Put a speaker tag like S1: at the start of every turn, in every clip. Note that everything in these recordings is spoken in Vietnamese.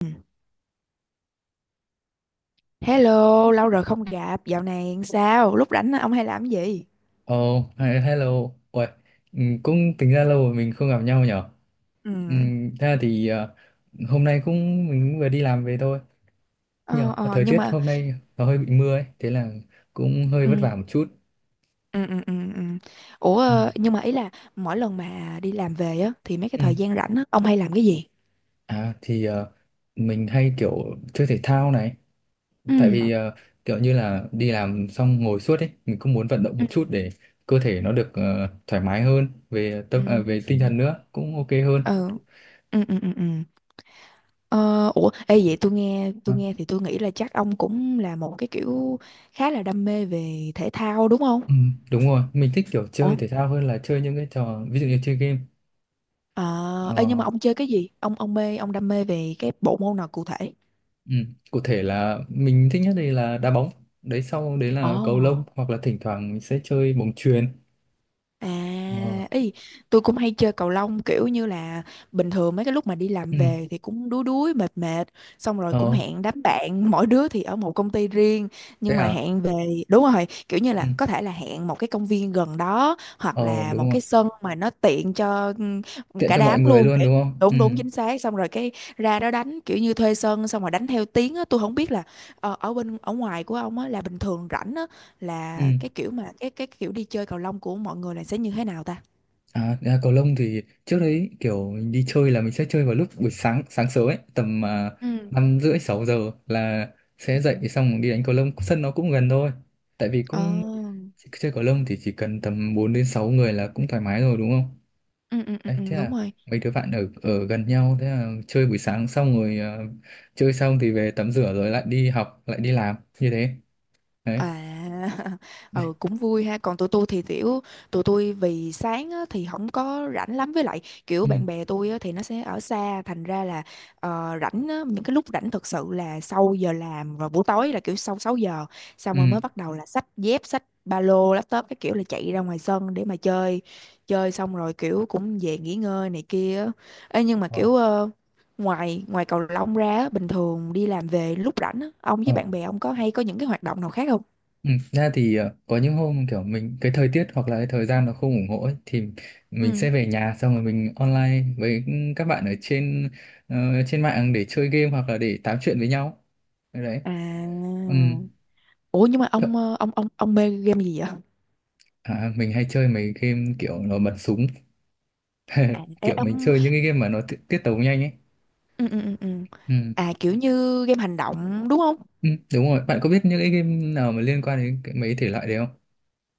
S1: Ừ. Hello, lâu rồi không gặp, dạo này sao? Lúc rảnh ông hay làm cái gì?
S2: Ồ, oh, hello. Uầy, cũng tính ra lâu rồi mình không gặp nhau nhở.
S1: Ừ.
S2: Ừ, thế là hôm nay cũng mình vừa đi làm về thôi. Nhờ,
S1: Ờ, ờ,
S2: thời
S1: nhưng
S2: tiết
S1: mà
S2: hôm nay nó hơi bị mưa ấy, thế là cũng hơi
S1: ừ.
S2: vất vả một chút.
S1: Ừ, ừ, ừ, ừ. Ủa
S2: Ừ.
S1: nhưng mà ý là mỗi lần mà đi làm về á thì mấy cái
S2: Ừ.
S1: thời gian rảnh á ông hay làm cái gì?
S2: À mình hay kiểu chơi thể thao này,
S1: Ừ.
S2: tại vì kiểu như là đi làm xong ngồi suốt ấy, mình cũng muốn vận động
S1: Ừ.
S2: một chút để cơ thể nó được thoải mái hơn,
S1: Ừ.
S2: về
S1: Ừ.
S2: tinh thần nữa cũng ok hơn.
S1: Ừ. Ừ. Ừ. Ừ, ừ. Ờ, ủa ê, vậy tôi nghe thì tôi nghĩ là chắc ông cũng là một cái kiểu khá là đam mê về thể thao đúng không?
S2: Ừ, đúng rồi, mình thích kiểu chơi
S1: Ủa?
S2: thể thao hơn là chơi những cái trò ví dụ như chơi game.
S1: Ờ,
S2: Ờ,
S1: ê nhưng mà ông chơi cái gì? Ông đam mê về cái bộ môn nào cụ thể?
S2: ừ. Cụ thể là mình thích nhất đây là đá bóng, đấy sau đấy là cầu lông
S1: Ồ,
S2: hoặc là thỉnh thoảng mình sẽ chơi bóng chuyền. Ờ,
S1: à, ý, tôi cũng hay chơi cầu lông kiểu như là bình thường mấy cái lúc mà đi làm
S2: ừ.
S1: về thì cũng đuối đuối mệt mệt, xong rồi cũng
S2: Ờ,
S1: hẹn đám bạn, mỗi đứa thì ở một công ty riêng
S2: thế
S1: nhưng mà
S2: à?
S1: hẹn về đúng rồi, kiểu như
S2: Ừ.
S1: là có thể là hẹn một cái công viên gần đó hoặc
S2: Ờ,
S1: là
S2: đúng
S1: một
S2: rồi,
S1: cái sân mà nó tiện cho ừ,
S2: tiện
S1: cả
S2: cho mọi
S1: đám
S2: người
S1: luôn,
S2: luôn
S1: để
S2: đúng không? Ừ.
S1: đúng đúng chính xác, xong rồi cái ra đó đánh kiểu như thuê sân xong rồi đánh theo tiếng á, tôi không biết là ở bên ở ngoài của ông á là bình thường rảnh á
S2: Ừ.
S1: là cái kiểu mà cái kiểu đi chơi cầu lông của mọi người là sẽ như thế nào ta.
S2: À, ra cầu lông thì trước đấy kiểu mình đi chơi là mình sẽ chơi vào lúc buổi sáng sáng sớm ấy tầm
S1: Ừ.
S2: 5 rưỡi 6 giờ là sẽ
S1: Ừ.
S2: dậy xong đi đánh cầu lông sân nó cũng gần thôi tại vì
S1: Ờ.
S2: cũng chơi cầu lông thì chỉ cần tầm 4 đến 6 người là cũng thoải mái rồi đúng không?
S1: Ừ, ừ, ừ,
S2: Đấy,
S1: ừ,
S2: thế
S1: đúng
S2: là
S1: rồi.
S2: mấy đứa bạn ở ở gần nhau thế là chơi buổi sáng xong rồi, chơi xong thì về tắm rửa rồi lại đi học lại đi làm như thế đấy.
S1: À, ừ, cũng vui ha. Còn tụi tôi thì kiểu tụi tôi vì sáng á, thì không có rảnh lắm, với lại kiểu
S2: Ừ,
S1: bạn bè tôi á, thì nó sẽ ở xa, thành ra là rảnh á, những cái lúc rảnh thực sự là sau giờ làm rồi buổi tối, là kiểu sau 6 giờ xong
S2: ừ,
S1: rồi mới bắt đầu là xách dép xách ba lô laptop cái kiểu là chạy ra ngoài sân để mà chơi, chơi xong rồi kiểu cũng về nghỉ ngơi này kia á. Ê, nhưng mà
S2: ờ,
S1: kiểu ngoài ngoài cầu lông ra á, bình thường đi làm về lúc rảnh á, ông với
S2: ờ.
S1: bạn bè ông có hay có những cái hoạt động nào khác không?
S2: Ừ, ra có những hôm kiểu mình cái thời tiết hoặc là cái thời gian nó không ủng hộ ấy, thì mình
S1: Ừ.
S2: sẽ về nhà xong rồi mình online với các bạn ờ, trên mạng để chơi game hoặc là để tám chuyện với nhau đấy đấy.
S1: À,
S2: Ừm.
S1: ủa nhưng mà
S2: Chợ-
S1: ông ờ, ông mê game gì vậy?
S2: mình hay chơi mấy game kiểu nó bắn súng.
S1: À ê
S2: Kiểu mình
S1: ông.
S2: chơi những cái game mà nó tiết tấu nhanh ấy.
S1: Ừ, ừ, ừ. Ừ.
S2: Ừ.
S1: À kiểu như game hành động đúng không?
S2: Ừ, đúng rồi, bạn có biết những cái game nào mà liên quan đến cái, mấy thể loại đấy không?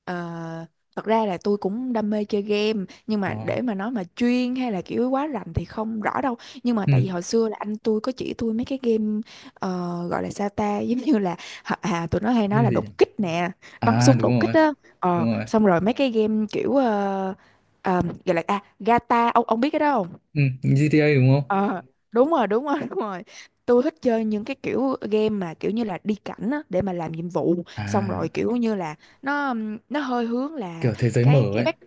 S1: Ờ, thật ra là tôi cũng đam mê chơi game nhưng mà
S2: Ờ.
S1: để mà nói mà chuyên hay là kiểu quá rành thì không rõ đâu. Nhưng mà
S2: Ừ.
S1: tại vì hồi xưa là anh tôi có chỉ tôi mấy cái game ờ, gọi là sao ta, giống như là à, à, tụi nó hay nói
S2: Game
S1: là
S2: gì nhỉ?
S1: đột kích nè, bắn
S2: À,
S1: súng
S2: đúng
S1: đột kích
S2: rồi,
S1: á.
S2: đúng
S1: Ờ,
S2: rồi.
S1: xong rồi mấy cái game kiểu gọi là à Gata, ông biết cái đó không?
S2: Ừ. GTA đúng không?
S1: Ờ, đúng rồi, đúng rồi. Tôi thích chơi những cái kiểu game mà kiểu như là đi cảnh á, để mà làm nhiệm vụ, xong rồi
S2: À,
S1: kiểu như là nó hơi hướng là
S2: kiểu thế giới mở
S1: cái
S2: ấy,
S1: back.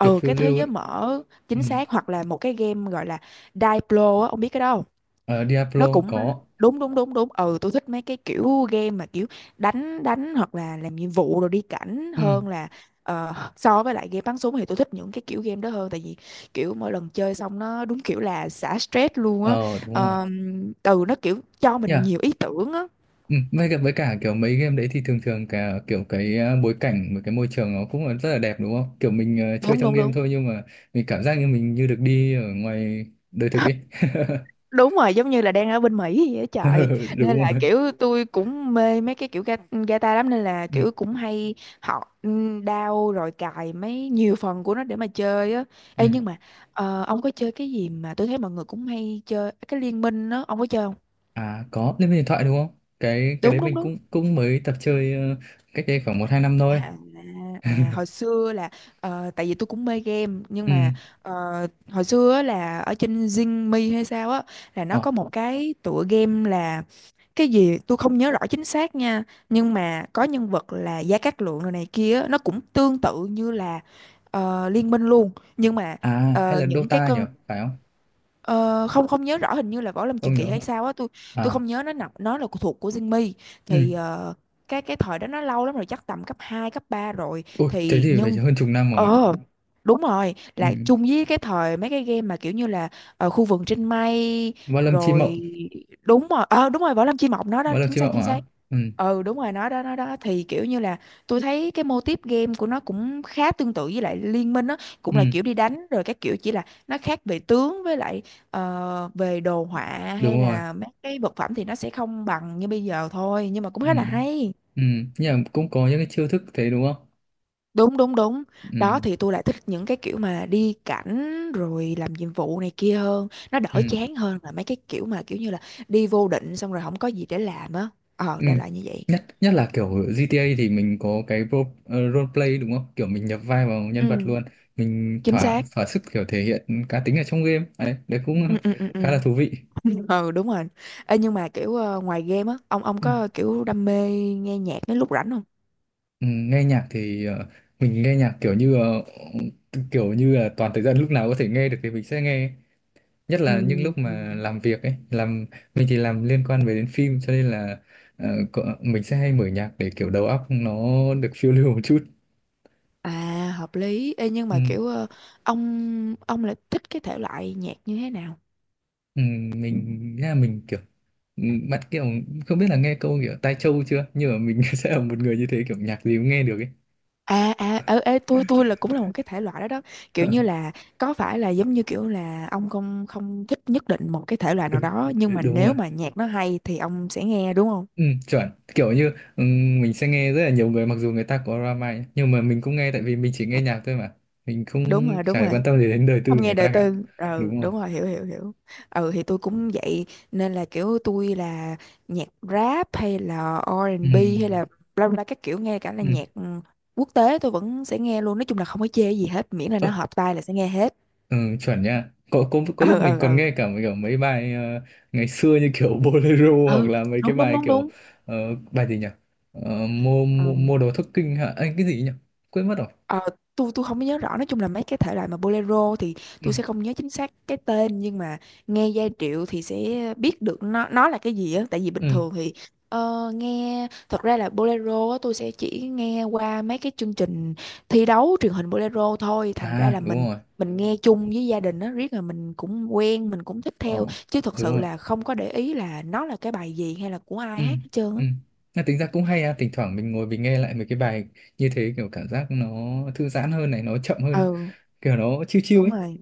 S2: kiểu phiêu
S1: cái thế
S2: lưu ấy.
S1: giới mở,
S2: Ừ.
S1: chính xác. Hoặc là một cái game gọi là Diablo á, ông biết cái đó không?
S2: Ở,
S1: Nó
S2: Diablo
S1: cũng
S2: có.
S1: đúng đúng đúng đúng. Ừ, tôi thích mấy cái kiểu game mà kiểu đánh đánh hoặc là làm nhiệm vụ rồi đi cảnh
S2: Ừ.
S1: hơn là ờ, so với lại game bắn súng, thì tôi thích những cái kiểu game đó hơn tại vì kiểu mỗi lần chơi xong nó đúng kiểu là xả stress luôn á.
S2: Ờ, đúng rồi.
S1: Từ nó kiểu cho mình
S2: Yeah.
S1: nhiều ý tưởng á.
S2: Ừ. với cả kiểu mấy game đấy thì thường thường cả kiểu cái bối cảnh và cái môi trường nó cũng là rất là đẹp đúng không, kiểu mình chơi
S1: Đúng
S2: trong
S1: đúng
S2: game
S1: đúng,
S2: thôi nhưng mà mình cảm giác như mình như được đi ở ngoài đời thực ấy.
S1: đúng rồi, giống như là đang ở bên Mỹ vậy á trời, nên
S2: Đúng
S1: là
S2: rồi.
S1: kiểu tôi cũng mê mấy cái kiểu ga- guitar lắm, nên là
S2: Ừ.
S1: kiểu cũng hay học đao rồi cài mấy nhiều phần của nó để mà chơi á.
S2: Ừ.
S1: Ê nhưng mà ông có chơi cái gì mà tôi thấy mọi người cũng hay chơi cái liên minh đó, ông có chơi không?
S2: À, có, lên điện thoại đúng không? Cái
S1: Đúng
S2: đấy
S1: đúng
S2: mình
S1: đúng.
S2: cũng cũng mới tập chơi cách đây khoảng 1-2 năm thôi.
S1: À, à hồi xưa là tại vì tôi cũng mê game nhưng
S2: Ừ.
S1: mà ờ, hồi xưa á là ở trên Zing Me hay sao á, là nó
S2: Ờ.
S1: có một cái tựa game là cái gì tôi không nhớ rõ chính xác nha, nhưng mà có nhân vật là Gia Cát Lượng rồi này kia á, nó cũng tương tự như là Liên Minh luôn, nhưng mà
S2: À, hay là
S1: những cái
S2: Dota nhỉ,
S1: cơn
S2: phải không?
S1: ờ, không không nhớ rõ, hình như là Võ Lâm
S2: Không
S1: Truyền Kỳ
S2: nhớ.
S1: hay sao á, tôi
S2: À,
S1: không nhớ, nó nằm nó là thuộc của Jinmi
S2: ừ.
S1: thì cái thời đó nó lâu lắm rồi, chắc tầm cấp 2 cấp 3 rồi
S2: Ui, thế
S1: thì
S2: thì phải
S1: nhân.
S2: hơn chục năm rồi.
S1: Ờ đúng rồi,
S2: Ừ.
S1: là chung với cái thời mấy cái game mà kiểu như là khu vườn trên mây
S2: Võ Lâm Chi
S1: rồi.
S2: Mộng.
S1: Đúng rồi, ờ đúng rồi, Võ Lâm Chi Mộng nó đó,
S2: Võ Lâm
S1: chính
S2: Chi
S1: xác
S2: Mộng
S1: chính
S2: hả?
S1: xác.
S2: Ừ.
S1: Ừ đúng rồi, nó đó nó đó, thì kiểu như là tôi thấy cái mô típ game của nó cũng khá tương tự với lại Liên Minh á, cũng
S2: Ừ,
S1: là kiểu đi đánh rồi các kiểu, chỉ là nó khác về tướng với lại về đồ họa hay
S2: đúng rồi.
S1: là mấy cái vật phẩm thì nó sẽ không bằng như bây giờ thôi, nhưng mà cũng
S2: Ừ.
S1: khá là hay.
S2: Ừ. Nhưng mà cũng có những cái chiêu thức thế đúng không?
S1: Đúng đúng đúng,
S2: Ừ.
S1: đó thì tôi lại thích những cái kiểu mà đi cảnh rồi làm nhiệm vụ này kia hơn, nó
S2: Ừ.
S1: đỡ chán hơn là mấy cái kiểu mà kiểu như là đi vô định xong rồi không có gì để làm á, ờ
S2: Ừ.
S1: đại loại như vậy.
S2: Nhất nhất là kiểu GTA thì mình có cái role play đúng không? Kiểu mình nhập vai vào nhân vật
S1: Ừ,
S2: luôn. Mình
S1: chính
S2: thỏa
S1: xác.
S2: thỏa sức kiểu thể hiện cá tính ở trong game. Đấy, đấy cũng
S1: Ừ ừ ừ ừ.
S2: khá là thú vị.
S1: Ừ đúng rồi. Ê, nhưng mà kiểu ngoài game á, ông
S2: Ừ.
S1: có kiểu đam mê nghe nhạc mấy lúc rảnh không?
S2: Ừ, nghe nhạc thì mình nghe nhạc kiểu như kiểu như là toàn thời gian lúc nào có thể nghe được thì mình sẽ nghe, nhất là những
S1: Ừm.
S2: lúc mà làm việc ấy, làm mình thì làm liên quan về đến phim cho nên là mình sẽ hay mở nhạc để kiểu đầu óc nó được phiêu lưu một chút.
S1: À, hợp lý. Ê, nhưng
S2: ừ,
S1: mà kiểu ông lại thích cái thể loại nhạc như thế nào?
S2: ừ, mình là mình kiểu ừ, bạn kiểu không biết là nghe câu kiểu tai trâu chưa nhưng mà mình sẽ là một người như thế, kiểu nhạc gì cũng nghe được ấy.
S1: À, à ở ê, tôi là cũng là một cái thể loại đó đó. Kiểu như là có phải là giống như kiểu là ông không không thích nhất định một cái thể loại nào
S2: Đúng,
S1: đó, nhưng mà
S2: đúng rồi,
S1: nếu mà nhạc nó hay thì ông sẽ nghe đúng không?
S2: ừ, chuẩn kiểu như ừ, mình sẽ nghe rất là nhiều người mặc dù người ta có drama ấy, nhưng mà mình cũng nghe tại vì mình chỉ nghe nhạc thôi mà mình không
S1: Đúng rồi, đúng
S2: chả quan
S1: rồi.
S2: tâm gì đến đời tư
S1: Không
S2: của
S1: nghe
S2: người
S1: đời
S2: ta cả.
S1: tư. Ừ,
S2: Đúng rồi.
S1: đúng rồi, hiểu hiểu hiểu. Ừ thì tôi cũng vậy, nên là kiểu tôi là nhạc rap hay là
S2: Ừ.
S1: R&B hay là bla bla các kiểu, nghe cả là
S2: Ừ.
S1: nhạc ừ, quốc tế tôi vẫn sẽ nghe luôn. Nói chung là không có chê gì hết, miễn là
S2: Ơ,
S1: nó hợp tai là sẽ nghe hết.
S2: ừ, chuẩn nha. Có,
S1: Ừ
S2: lúc mình
S1: ừ
S2: còn
S1: ừ.
S2: nghe cả kiểu mấy bài ngày xưa như kiểu Bolero hoặc
S1: Ừ,
S2: là mấy cái
S1: đúng
S2: bài
S1: đúng
S2: kiểu
S1: đúng
S2: bài gì nhỉ? Ờ, mua, mua
S1: đúng.
S2: mua đồ thất kinh hả? Anh cái gì nhỉ? Quên mất rồi.
S1: Ờ, tôi không có nhớ rõ, nói chung là mấy cái thể loại mà bolero thì
S2: Ừ.
S1: tôi sẽ không nhớ chính xác cái tên, nhưng mà nghe giai điệu thì sẽ biết được nó là cái gì á, tại vì bình
S2: Ừ.
S1: thường thì nghe thật ra là bolero á, tôi sẽ chỉ nghe qua mấy cái chương trình thi đấu truyền hình bolero thôi, thành ra
S2: À,
S1: là
S2: đúng
S1: mình
S2: rồi.
S1: nghe chung với gia đình á, riết là mình cũng quen, mình cũng thích
S2: Ờ,
S1: theo, chứ thật
S2: đúng
S1: sự
S2: rồi.
S1: là không có để ý là nó là cái bài gì hay là của ai
S2: Ừ.
S1: hát hết trơn
S2: Ừ.
S1: á.
S2: Mà tính ra cũng hay à, thỉnh thoảng mình ngồi mình nghe lại mấy cái bài như thế kiểu cảm giác nó thư giãn hơn này, nó chậm hơn,
S1: Ừ
S2: kiểu nó chill chill
S1: đúng
S2: ấy.
S1: rồi,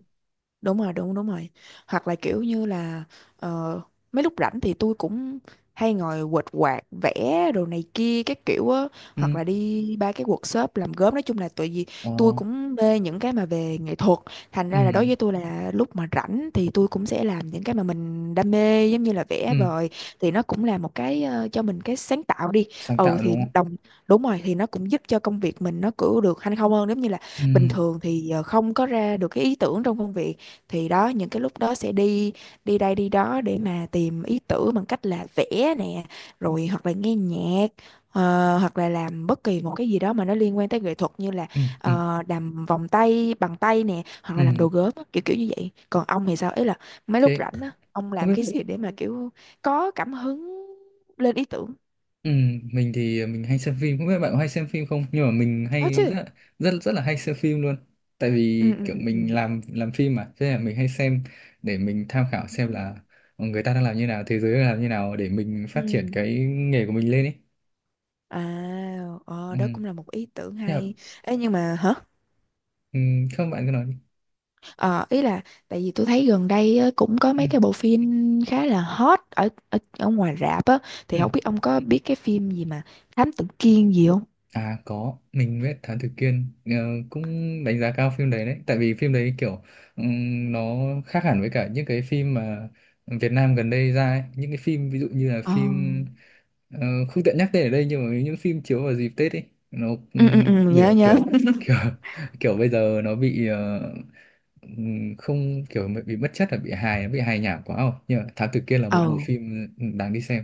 S1: đúng rồi, đúng đúng rồi. Hoặc là kiểu như là ờ, mấy lúc rảnh thì tôi cũng hay ngồi quệt quạt vẽ đồ này kia các kiểu á, hoặc
S2: Ừ.
S1: là đi ba cái workshop làm gốm, nói chung là tại vì
S2: Ờ.
S1: tôi cũng mê những cái mà về nghệ thuật, thành ra là
S2: Ừ.
S1: đối với tôi là lúc mà rảnh thì tôi cũng sẽ làm những cái mà mình đam mê giống như là vẽ
S2: Ừ.
S1: vời, thì nó cũng là một cái cho mình cái sáng tạo đi.
S2: Sáng
S1: Ừ
S2: tạo
S1: thì
S2: đúng không?
S1: đồng, đúng rồi, thì nó cũng giúp cho công việc mình nó cứ được hanh không hơn, giống như là
S2: Ừ.
S1: bình thường thì không có ra được cái ý tưởng trong công việc, thì đó những cái lúc đó sẽ đi đi đây đi đó để mà tìm ý tưởng bằng cách là vẽ nè, rồi hoặc là nghe nhạc hoặc là làm bất kỳ một cái gì đó mà nó liên quan tới nghệ thuật, như là
S2: Ừ. Ừ.
S1: làm vòng tay bằng tay nè hoặc là làm
S2: Ừ.
S1: đồ gốm á, kiểu kiểu như vậy. Còn ông thì sao, ý là mấy lúc
S2: Thế
S1: rảnh á ông
S2: không
S1: làm
S2: biết,
S1: cái gì để mà kiểu có cảm hứng lên ý tưởng?
S2: ừ, mình thì mình hay xem phim, không biết bạn có hay xem phim không, nhưng mà mình
S1: Có
S2: hay
S1: chứ.
S2: rất rất rất là hay xem phim luôn, tại
S1: Ừ
S2: vì
S1: ừ
S2: kiểu
S1: ừ
S2: mình
S1: ừ.
S2: làm phim mà, thế là mình hay xem để mình tham khảo xem là người ta đang làm như nào, thế giới đang làm như nào, để mình phát triển
S1: Ừ.
S2: cái nghề của mình lên ấy.
S1: à
S2: Ừ.
S1: Đó cũng là một ý tưởng
S2: Nhưng mà,
S1: hay. Ê, nhưng mà hả?
S2: ừ, không, bạn cứ nói đi.
S1: Ờ, ý là tại vì tôi thấy gần đây á, cũng có
S2: Ừ.
S1: mấy cái bộ phim khá là hot ở ở, ở ngoài rạp á,
S2: Ừ.
S1: thì không biết ông có biết cái phim gì mà Thám Tử Kiên gì không?
S2: À, có, mình biết Thám Tử Kiên, cũng đánh giá cao phim đấy đấy, tại vì phim đấy kiểu nó khác hẳn với cả những cái phim mà Việt Nam gần đây ra ấy. Những cái phim ví dụ như là
S1: Ờ.
S2: phim ờ, không tiện nhắc tên ở đây nhưng mà những phim chiếu vào dịp Tết ấy, nó
S1: Ừ ừ ừ, nhớ
S2: biểu
S1: nhớ.
S2: kiểu kiểu kiểu bây giờ nó bị không, kiểu bị mất chất, là bị hài, nó bị hài nhảm quá không? Nhưng mà Thám Tử Kiên là một bộ
S1: Ừ.
S2: phim đáng đi xem.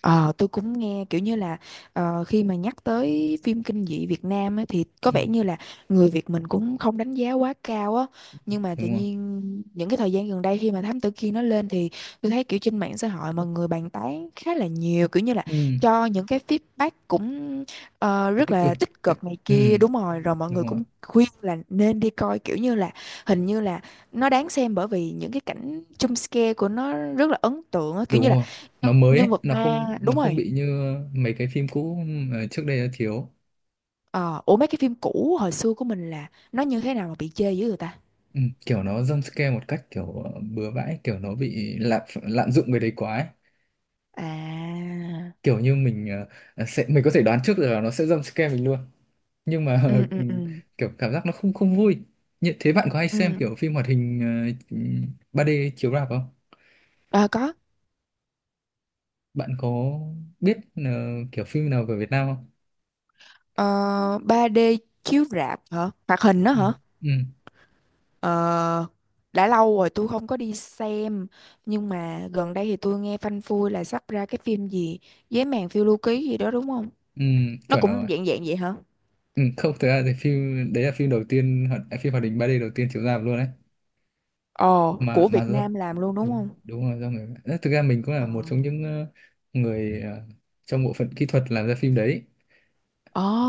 S1: Ờ, tôi cũng nghe kiểu như là ờ, khi mà nhắc tới phim kinh dị Việt Nam á, thì có
S2: Ừ,
S1: vẻ như là người Việt mình cũng không đánh giá quá cao á, nhưng mà tự
S2: đúng không?
S1: nhiên những cái thời gian gần đây khi mà Thám Tử Kiên nó lên thì tôi thấy kiểu trên mạng xã hội mọi người bàn tán khá là nhiều, kiểu như là
S2: Ừ,
S1: cho những cái feedback cũng rất
S2: tích cực.
S1: là tích
S2: tích-
S1: cực này
S2: Ừ.
S1: kia. Đúng rồi, rồi mọi người
S2: Đúng rồi,
S1: cũng khuyên là nên đi coi, kiểu như là hình như là nó đáng xem bởi vì những cái cảnh jump scare của nó rất là ấn tượng á, kiểu
S2: đúng
S1: như là
S2: rồi, nó
S1: nhân
S2: mới ấy.
S1: nhân vật
S2: nó không
S1: ma, đúng
S2: nó không
S1: rồi.
S2: bị như mấy cái phim cũ mà trước đây đã thiếu.
S1: Ờ, ủa mấy cái phim cũ hồi xưa của mình là nó như thế nào mà bị chê dữ người ta?
S2: ừ, Kiểu nó jump scare một cách kiểu bừa bãi, kiểu nó bị lạm lạm dụng cái đấy quá ấy.
S1: À.
S2: Kiểu như mình sẽ mình có thể đoán trước được là nó sẽ jump scare mình luôn nhưng mà
S1: Ừ ừ ừ
S2: kiểu cảm giác nó không không vui. Như thế bạn có hay xem
S1: ừ.
S2: kiểu phim hoạt hình ờ, 3D chiếu rạp không,
S1: À có.
S2: bạn có biết kiểu phim nào về Việt Nam không?
S1: Ờ, 3D chiếu rạp hả, hoạt hình đó
S2: Ừ.
S1: hả?
S2: Ừ.
S1: Ờ, đã lâu rồi tôi không có đi xem, nhưng mà gần đây thì tôi nghe phanh phui là sắp ra cái phim gì Giấy màn phiêu lưu ký gì đó đúng không?
S2: Ừ.
S1: Nó
S2: Chuẩn
S1: cũng
S2: rồi.
S1: dạng dạng vậy hả?
S2: Ừ, không, thực ra thì phim đấy là phim đầu tiên phim hoạt hình 3D đầu tiên chiếu rạp luôn đấy,
S1: Ồ, của
S2: mà
S1: Việt
S2: do,
S1: Nam làm luôn đúng
S2: đúng
S1: không?
S2: đúng là do người. Đấy, thực ra mình cũng là
S1: Ờ.
S2: một trong những người trong bộ phận kỹ thuật làm ra phim đấy.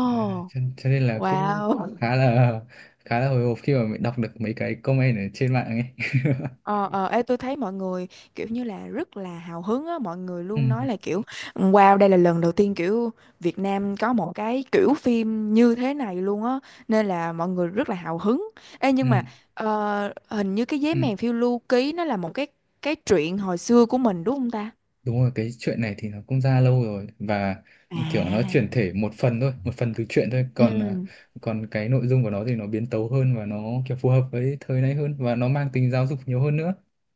S2: À, cho nên là cũng
S1: Wow.
S2: khá là khá là hồi hộp khi mà mình đọc được mấy cái comment ở trên mạng ấy.
S1: Ờ, ờ, ê, tôi thấy mọi người kiểu như là rất là hào hứng á, mọi người
S2: Ừ,
S1: luôn nói là kiểu wow đây là lần đầu tiên kiểu Việt Nam có một cái kiểu phim như thế này luôn á, nên là mọi người rất là hào hứng. Ê, nhưng
S2: ừ,
S1: mà ờ, hình như cái giấy
S2: ừ.
S1: mèn phiêu lưu ký nó là một cái truyện hồi xưa của mình đúng không ta?
S2: Đúng rồi, cái chuyện này thì nó cũng ra lâu rồi, và kiểu nó
S1: À.
S2: chuyển thể một phần thôi, một phần từ chuyện thôi,
S1: Ừ.
S2: còn cái nội dung của nó thì nó biến tấu hơn và nó kiểu phù hợp với thời nay hơn và nó mang tính giáo dục nhiều hơn nữa.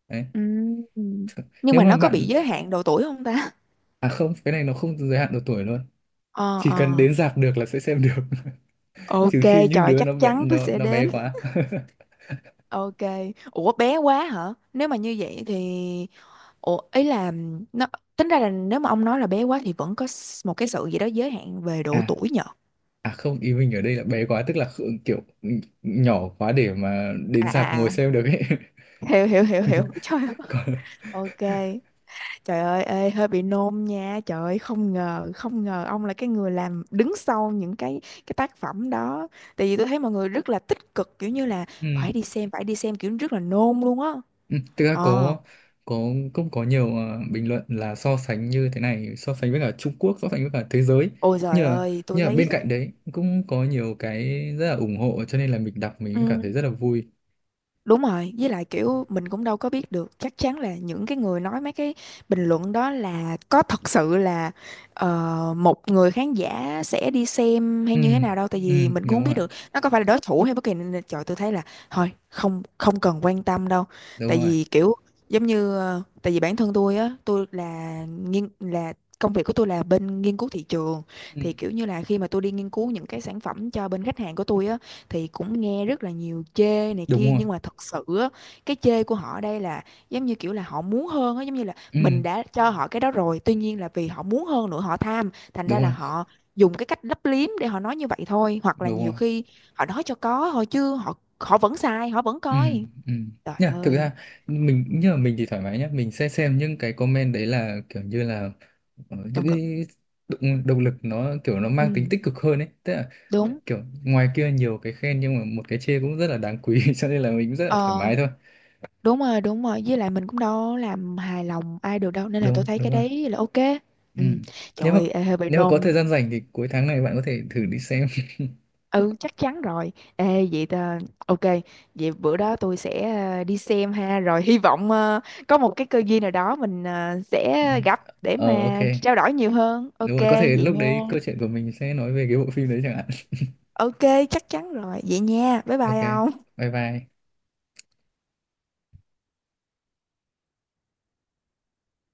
S2: Đấy.
S1: Ừ.
S2: Th-
S1: Nhưng
S2: Nếu
S1: mà
S2: mà
S1: nó có bị
S2: bạn
S1: giới hạn độ tuổi không ta?
S2: à không, Cái này nó không giới hạn độ tuổi luôn.
S1: Ờ
S2: Chỉ cần
S1: ờ.
S2: đến rạp được là sẽ xem được,
S1: Ok,
S2: trừ khi những
S1: trời
S2: đứa nó
S1: chắc
S2: bé
S1: chắn tôi
S2: nó
S1: sẽ
S2: nó bé
S1: đến.
S2: quá.
S1: Ok. Ủa bé quá hả? Nếu mà như vậy thì ủa ý là nó tính ra là nếu mà ông nói là bé quá thì vẫn có một cái sự gì đó giới hạn về độ
S2: À,
S1: tuổi nhở?
S2: à, không, ý mình ở đây là bé quá tức là kiểu nhỏ quá để mà đến
S1: À
S2: rạp
S1: à
S2: ngồi
S1: à.
S2: xem được ấy.
S1: Hiểu hiểu hiểu hiểu. Trời ơi.
S2: Còn.
S1: Ok. Trời ơi ê, hơi bị nôn nha. Trời ơi không ngờ, không ngờ ông là cái người làm đứng sau những cái tác phẩm đó. Tại vì tôi thấy mọi người rất là tích cực, kiểu như là
S2: Ừ.
S1: phải đi xem kiểu rất là nôn luôn á.
S2: Ừ, thực ra
S1: Ờ.
S2: có cũng có nhiều bình luận là so sánh như thế này, so sánh với cả Trung Quốc, so sánh với cả thế giới,
S1: Ôi trời
S2: như là,
S1: ơi,
S2: như
S1: tôi
S2: là
S1: thấy.
S2: bên cạnh đấy cũng có nhiều cái rất là ủng hộ cho nên là mình đọc mình cũng cảm thấy
S1: Ừ.
S2: rất là vui.
S1: Đúng rồi, với lại kiểu mình cũng đâu có biết được chắc chắn là những cái người nói mấy cái bình luận đó là có thật sự là một người khán giả sẽ đi xem hay
S2: Ừ.
S1: như thế nào đâu, tại
S2: Ừ.
S1: vì mình cũng không
S2: Đúng
S1: biết
S2: rồi.
S1: được nó có phải là đối thủ hay bất kỳ, nên là trời tôi thấy là thôi không, không cần quan tâm đâu. Tại
S2: Đúng rồi.
S1: vì kiểu giống như ờ, tại vì bản thân tôi á, tôi là nghiên là công việc của tôi là bên nghiên cứu thị trường,
S2: Ừ.
S1: thì kiểu như là khi mà tôi đi nghiên cứu những cái sản phẩm cho bên khách hàng của tôi á, thì cũng nghe rất là nhiều chê này
S2: Đúng
S1: kia,
S2: rồi.
S1: nhưng mà thật sự á, cái chê của họ ở đây là giống như kiểu là họ muốn hơn á, giống như là
S2: Ừ.
S1: mình đã cho họ cái đó rồi, tuy nhiên là vì họ muốn hơn nữa họ tham, thành ra
S2: Đúng
S1: là
S2: rồi,
S1: họ dùng cái cách lấp liếm để họ nói như vậy thôi, hoặc là
S2: đúng
S1: nhiều
S2: rồi.
S1: khi họ nói cho có thôi chứ họ họ vẫn sai họ vẫn
S2: Ừ.
S1: coi.
S2: Ừ,
S1: Trời
S2: nhá, thực
S1: ơi.
S2: ra mình như là mình thì thoải mái nhá, mình sẽ xem những cái comment đấy là kiểu như là những
S1: Động lực.
S2: cái động lực, nó kiểu nó
S1: Ừ,
S2: mang tính tích cực hơn ấy, tức là
S1: đúng.
S2: kiểu ngoài kia nhiều cái khen nhưng mà một cái chê cũng rất là đáng quý. Cho nên là mình cũng rất là thoải
S1: Ờ,
S2: mái thôi.
S1: đúng rồi, đúng rồi. Với lại mình cũng đâu làm hài lòng ai được đâu. Nên là tôi
S2: Đúng,
S1: thấy
S2: đúng
S1: cái
S2: rồi.
S1: đấy là ok.
S2: Ừ.
S1: Ừ. Trời
S2: nếu mà
S1: ơi ê, hơi bị
S2: nếu mà có
S1: nôn.
S2: thời gian rảnh thì cuối tháng này bạn có thể thử đi xem.
S1: Ừ chắc chắn rồi. Ê vậy ta, ok. Vậy bữa đó tôi sẽ ờ, đi xem ha. Rồi hy vọng ờ, có một cái cơ duyên nào đó mình ờ, sẽ gặp để
S2: Ờ, ok,
S1: mà trao đổi nhiều hơn.
S2: đúng
S1: Ok
S2: rồi, có thể
S1: vậy
S2: lúc đấy
S1: nha.
S2: câu chuyện của mình sẽ nói về cái bộ phim đấy chẳng hạn.
S1: Ok chắc chắn rồi. Vậy nha bye
S2: Ok,
S1: bye ông.
S2: bye bye.